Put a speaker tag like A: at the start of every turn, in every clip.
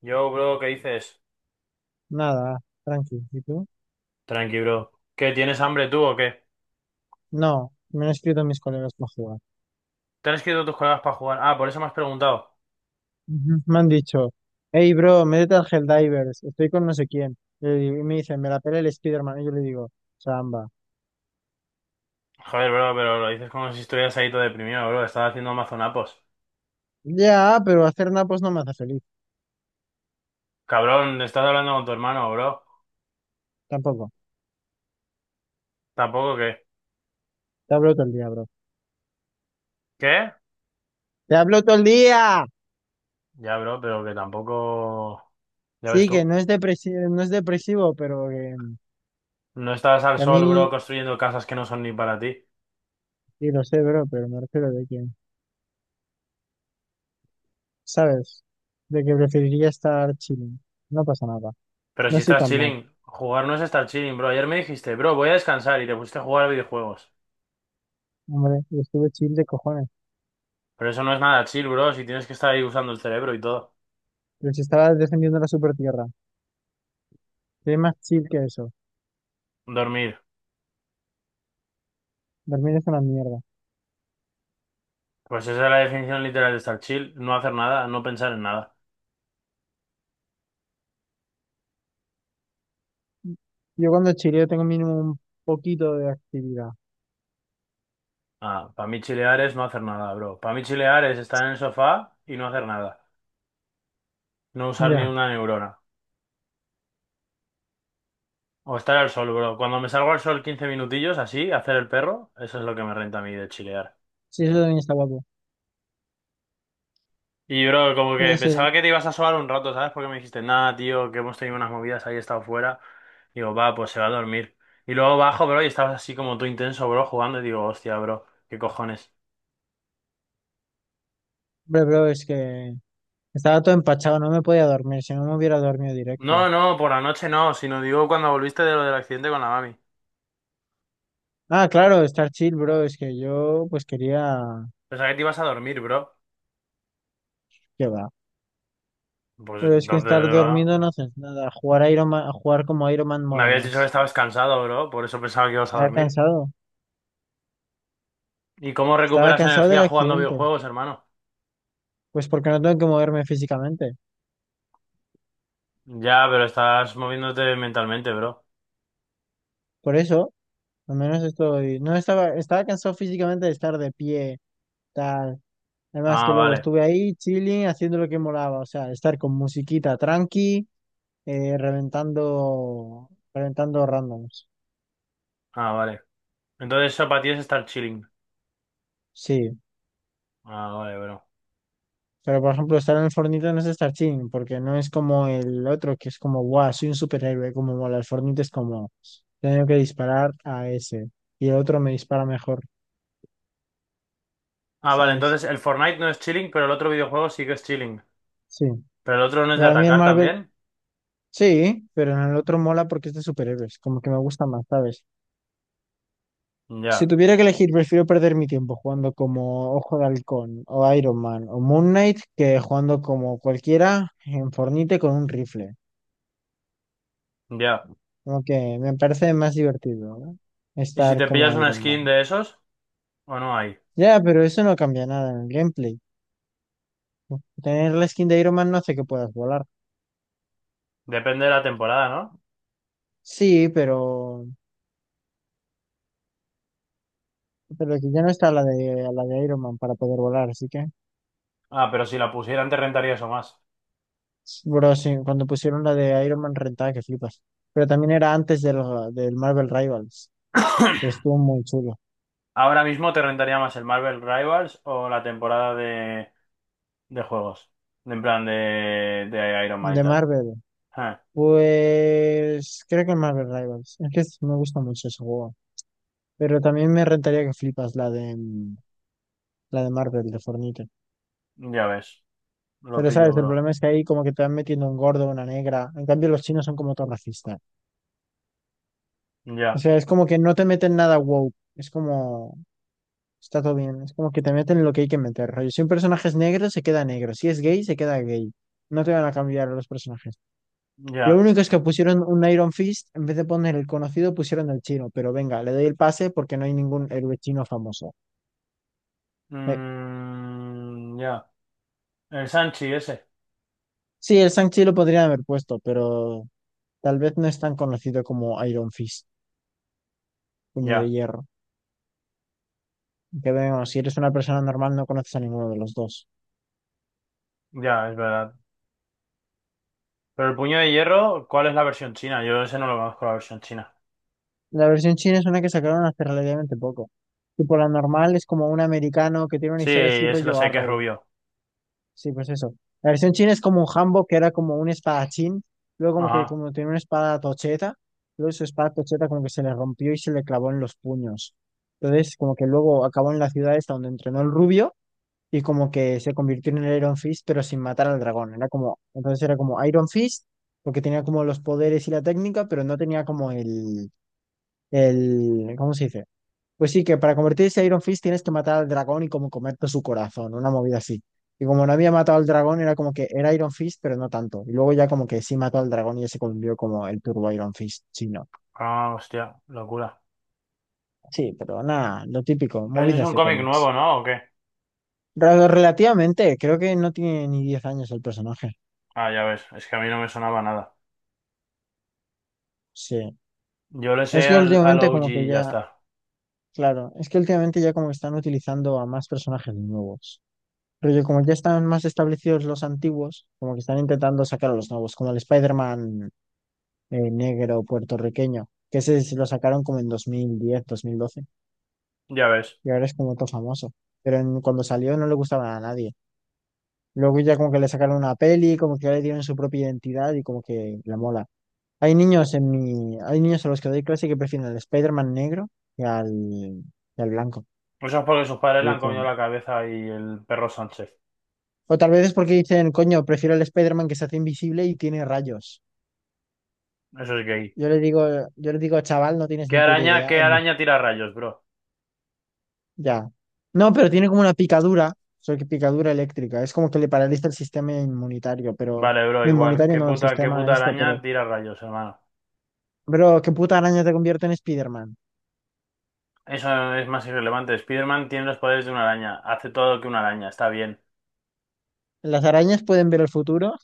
A: Yo, bro, ¿qué dices?
B: Nada, tranqui. ¿Y tú?
A: Tranqui, bro. ¿Qué, tienes hambre tú o qué?
B: No, me han escrito mis colegas para jugar.
A: ¿Te han escrito tus colegas para jugar? Ah, por eso me has preguntado.
B: Ujú. Me han dicho, hey bro, métete al Helldivers, estoy con no sé quién. Y me dicen, me la pela el Spiderman. Y yo le digo, Samba.
A: Joder, bro, pero lo dices como si estuvieras ahí todo deprimido, bro. Estás haciendo mazonapos.
B: Ya, pero hacer napos no me hace feliz.
A: Cabrón, estás hablando con tu hermano, bro.
B: Tampoco.
A: Tampoco que...
B: Te hablo todo el día, bro.
A: ¿Qué?
B: ¡Te hablo todo el día!
A: Ya, bro, pero que tampoco... Ya ves
B: Sí, que
A: tú.
B: no es depresivo, no es depresivo, pero
A: No estás al
B: que a
A: sol, bro,
B: mí,
A: construyendo casas que no son ni para ti.
B: sí lo sé, bro, pero me refiero de que, ¿sabes? De que preferiría estar chilling. No pasa nada.
A: Pero
B: No
A: si
B: estoy
A: estás
B: tan mal.
A: chilling, jugar no es estar chilling, bro. Ayer me dijiste, bro, voy a descansar y te pusiste a jugar a videojuegos.
B: Hombre, y estuve chill de cojones.
A: Pero eso no es nada chill, bro, si tienes que estar ahí usando el cerebro y todo.
B: Pero si estabas defendiendo la super tierra, ¿qué hay más chill que eso?
A: Dormir.
B: Dormir es una mierda.
A: Pues esa es la definición literal de estar chill, no hacer nada, no pensar en nada.
B: Yo cuando chileo tengo mínimo un poquito de actividad.
A: Ah, para mí chilear es no hacer nada, bro. Para mí chilear es estar en el sofá y no hacer nada. No usar ni
B: Ya.
A: una neurona. O estar al sol, bro. Cuando me salgo al sol 15 minutillos, así, hacer el perro, eso es lo que me renta a mí de chilear.
B: Sí, eso también está guapo.
A: Y, bro, como
B: Yo
A: que
B: sé,
A: pensaba que te ibas a sobar un rato, ¿sabes? Porque me dijiste, nada, tío, que hemos tenido unas movidas, ahí he estado fuera. Digo, va, pues se va a dormir. Y luego bajo, bro, y estabas así como tú intenso, bro, jugando. Y digo, hostia, bro, qué cojones.
B: hombre, bro, es que estaba todo empachado, no me podía dormir, si no me hubiera dormido directo.
A: No, no, por la noche no, sino digo cuando volviste de lo del accidente con la mami.
B: Ah, claro, estar chill, bro, es que yo pues quería...
A: Pensaba que te ibas a dormir, bro.
B: ¿Qué va?
A: Pues
B: Pero es que
A: entonces,
B: estar dormido no
A: bro,
B: haces nada. Jugar como Iron Man
A: me
B: mola
A: habías dicho que
B: más.
A: estabas cansado, bro, por eso pensaba que ibas a
B: Estaba
A: dormir.
B: cansado.
A: ¿Y cómo
B: Estaba
A: recuperas
B: cansado del
A: energía jugando
B: accidente.
A: videojuegos, hermano?
B: Pues porque no tengo que moverme físicamente.
A: Ya, pero estás moviéndote mentalmente, bro.
B: Por eso... Al menos estoy, no estaba, estaba cansado físicamente de estar de pie, tal. Además
A: Ah,
B: que luego
A: vale,
B: estuve ahí chilling, haciendo lo que molaba, o sea, estar con musiquita tranqui, reventando, reventando randoms.
A: ah, vale. Entonces eso para ti es estar chilling.
B: Sí,
A: Ah, vale, bro.
B: pero por ejemplo estar en el Fortnite no es estar chilling, porque no es como el otro que es como, guau soy un superhéroe, como mola. El Fortnite es como, tengo que disparar a ese y el otro me dispara mejor,
A: Ah, vale,
B: ¿sabes?
A: entonces el Fortnite no es chilling, pero el otro videojuego sí que es chilling.
B: Sí.
A: ¿Pero el otro no es de
B: Para mí el
A: atacar
B: Marvel.
A: también?
B: Sí, pero en el otro mola porque es de superhéroes, como que me gusta más, ¿sabes? Si
A: Ya,
B: tuviera que elegir, prefiero perder mi tiempo jugando como Ojo de Halcón o Iron Man o Moon Knight que jugando como cualquiera en Fornite con un rifle.
A: ya.
B: Como que me parece más divertido, ¿no?
A: ¿Y si
B: Estar
A: te
B: como
A: pillas una
B: Iron Man.
A: skin de esos? ¿O no hay?
B: Ya, pero eso no cambia nada en el gameplay. Tener la skin de Iron Man no hace que puedas volar.
A: Depende de la temporada, ¿no?
B: Sí, pero que ya no está la de Iron Man para poder volar, así que...
A: Ah, pero si la pusieran te rentaría eso más.
B: Bro, sí, cuando pusieron la de Iron Man rentada que flipas. Pero también era del Marvel Rivals, pero estuvo muy chulo.
A: Ahora mismo te rentaría más el Marvel Rivals o la temporada de juegos. En plan de Iron Man y
B: De
A: tal.
B: Marvel,
A: Ah,
B: pues creo que Marvel Rivals. Es que me gusta mucho ese juego. Pero también me rentaría que flipas la de Marvel, de Fortnite.
A: ya ves. Lo
B: Pero
A: pillo,
B: sabes, el
A: bro.
B: problema es que ahí como que te van metiendo un gordo, una negra. En cambio, los chinos son como todos racistas. O
A: Ya,
B: sea, es como que no te meten nada woke. Es como. Está todo bien. Es como que te meten lo que hay que meter, rollo. Si un personaje es negro, se queda negro. Si es gay, se queda gay. No te van a cambiar los personajes. Lo
A: ya.
B: único es que pusieron un Iron Fist, en vez de poner el conocido, pusieron el chino. Pero venga, le doy el pase porque no hay ningún héroe chino famoso. Eh,
A: Mm, ya. El Sanchi ese.
B: sí, el Shang-Chi lo podrían haber puesto, pero tal vez no es tan conocido como Iron Fist, puño de
A: Ya,
B: hierro. Que vemos, si eres una persona normal, no conoces a ninguno de los dos.
A: ya, es verdad. Pero el puño de hierro, ¿cuál es la versión china? Yo ese no lo conozco, la versión china.
B: La versión china es una que sacaron hace relativamente poco. Tipo, la normal es como un americano que tiene una
A: Sí,
B: historia así
A: ese lo
B: rollo
A: sé que es
B: Arrow.
A: rubio.
B: Sí, pues eso. La versión china es como un Hanbok que era como un espadachín. Luego como que
A: Ajá.
B: como tiene una espada tocheta. Luego su espada tocheta como que se le rompió y se le clavó en los puños. Entonces como que luego acabó en la ciudad esta donde entrenó el rubio y como que se convirtió en el Iron Fist pero sin matar al dragón. Era como, entonces era como Iron Fist porque tenía como los poderes y la técnica pero no tenía como ¿cómo se dice? Pues sí, que para convertirse en Iron Fist tienes que matar al dragón y como comerte su corazón, una movida así. Y como no había matado al dragón, era como que era Iron Fist, pero no tanto. Y luego ya como que sí mató al dragón y ya se convirtió como el Turbo Iron Fist chino.
A: Ah, hostia, locura.
B: Sí, pero nada, lo típico,
A: Pero ese es
B: movidas
A: un
B: de
A: cómic
B: cómics.
A: nuevo, ¿no? ¿O qué?
B: Relativamente, creo que no tiene ni 10 años el personaje.
A: Ah, ya ves, es que a mí no me sonaba nada.
B: Sí.
A: Yo le sé
B: Es que
A: al
B: últimamente como
A: OG
B: que
A: y ya
B: ya,
A: está.
B: claro, es que últimamente ya como que están utilizando a más personajes nuevos. Pero yo, como ya están más establecidos los antiguos, como que están intentando sacar a los nuevos, como el Spider-Man negro puertorriqueño, que ese sí lo sacaron como en 2010 2012
A: Ya ves.
B: y ahora es como todo famoso. Cuando salió no le gustaba a nadie. Luego ya como que le sacaron una peli, como que ya le dieron su propia identidad y como que la mola. Hay niños a los que doy clase que prefieren al Spider-Man negro que al, que al blanco.
A: Eso es porque sus padres
B: Y
A: le
B: yo
A: han comido
B: como-
A: la cabeza y el perro Sánchez.
B: O tal vez es porque dicen, coño, prefiero al Spider-Man que se hace invisible y tiene rayos.
A: Eso es gay.
B: Yo le digo, yo le digo, chaval, no tienes
A: ¿Qué
B: ni puta
A: araña,
B: idea.
A: qué
B: Él no,
A: araña tira rayos, bro?
B: ya. No, pero tiene como una picadura, solo que picadura eléctrica. Es como que le paraliza el sistema inmunitario, pero
A: Vale, bro,
B: no
A: igual.
B: inmunitario,
A: ¿Qué
B: no el
A: puta, qué
B: sistema
A: puta
B: esto,
A: araña tira rayos, hermano?
B: pero qué puta araña te convierte en Spider-Man.
A: Eso es más irrelevante. Spider-Man tiene los poderes de una araña. Hace todo lo que una araña. Está bien.
B: Las arañas pueden ver el futuro,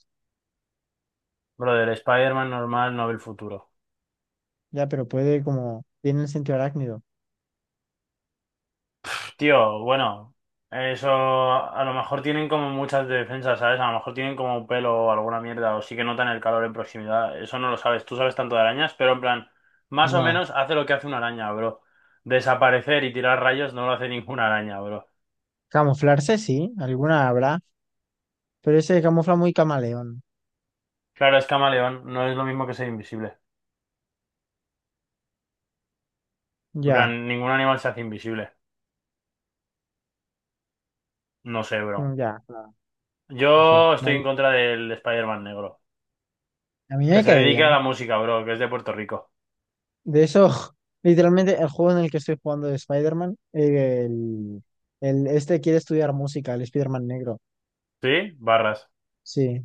A: Brother, Spider-Man normal no ve el futuro.
B: ya, pero puede como, tiene el sentido arácnido.
A: Tío, bueno, eso a lo mejor tienen como muchas defensas, ¿sabes? A lo mejor tienen como un pelo o alguna mierda, o sí que notan el calor en proximidad. Eso no lo sabes. Tú sabes tanto de arañas, pero en plan, más o
B: No,
A: menos hace lo que hace una araña, bro. Desaparecer y tirar rayos no lo hace ninguna araña, bro.
B: camuflarse sí, alguna habrá, pero ese camufla muy camaleón.
A: Claro, es camaleón, no es lo mismo que ser invisible. En
B: Ya,
A: plan, ningún animal se hace invisible. No sé, bro.
B: ya, claro, no sé.
A: Yo estoy en contra del Spider-Man negro,
B: A mí
A: que
B: me
A: se
B: cae
A: dedica a
B: bien.
A: la música, bro, que es de Puerto Rico.
B: De eso, literalmente, el juego en el que estoy jugando de Spider-Man, este quiere estudiar música, el Spider-Man negro.
A: ¿Sí? Barras.
B: Sí.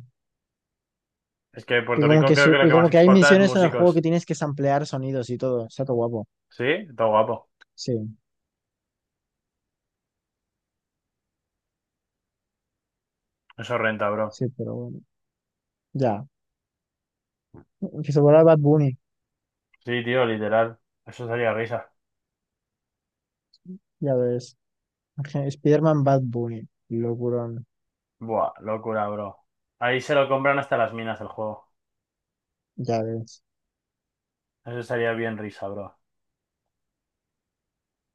A: Es que
B: Y
A: Puerto
B: como
A: Rico
B: que
A: creo
B: su-
A: que lo
B: y
A: que
B: como
A: más
B: que hay
A: exporta es
B: misiones en el juego que
A: músicos.
B: tienes que samplear sonidos y todo. Está todo guapo.
A: ¿Sí? Todo guapo.
B: Sí,
A: Eso renta, bro.
B: sí, pero bueno. Ya. Que se vuelva Bad Bunny.
A: Sí, tío, literal. Eso sería risa.
B: Ya ves. Spider-Man Bad Bunny. Locurón.
A: Buah, locura, bro. Ahí se lo compran hasta las minas el juego.
B: Ya ves.
A: Eso sería bien risa, bro.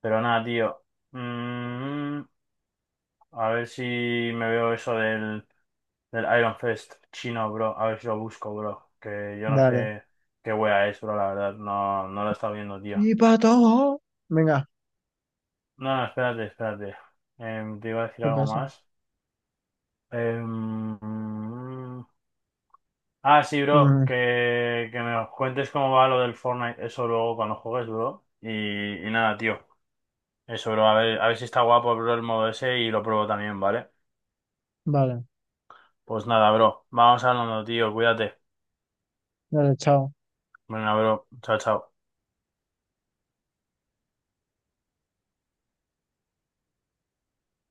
A: Pero nada, tío. Mm, a ver si me veo eso del Iron Fest chino, bro. A ver si lo busco, bro. Que yo no
B: Dale.
A: sé qué wea es, bro, la verdad. No, no lo he estado viendo, tío.
B: Sí, pato. Venga,
A: No, no, espérate, espérate. Te iba a decir
B: ¿qué
A: algo
B: pasa?
A: más. Em, Ah, sí, bro,
B: Mm,
A: que me cuentes cómo va lo del Fortnite, eso luego cuando juegues, bro. Y nada, tío. Eso, bro, a ver si está guapo, bro, el modo ese y lo pruebo también, ¿vale?
B: vale.
A: Pues nada, bro, vamos hablando, tío, cuídate.
B: Dale, chao.
A: Venga, bro, chao, chao.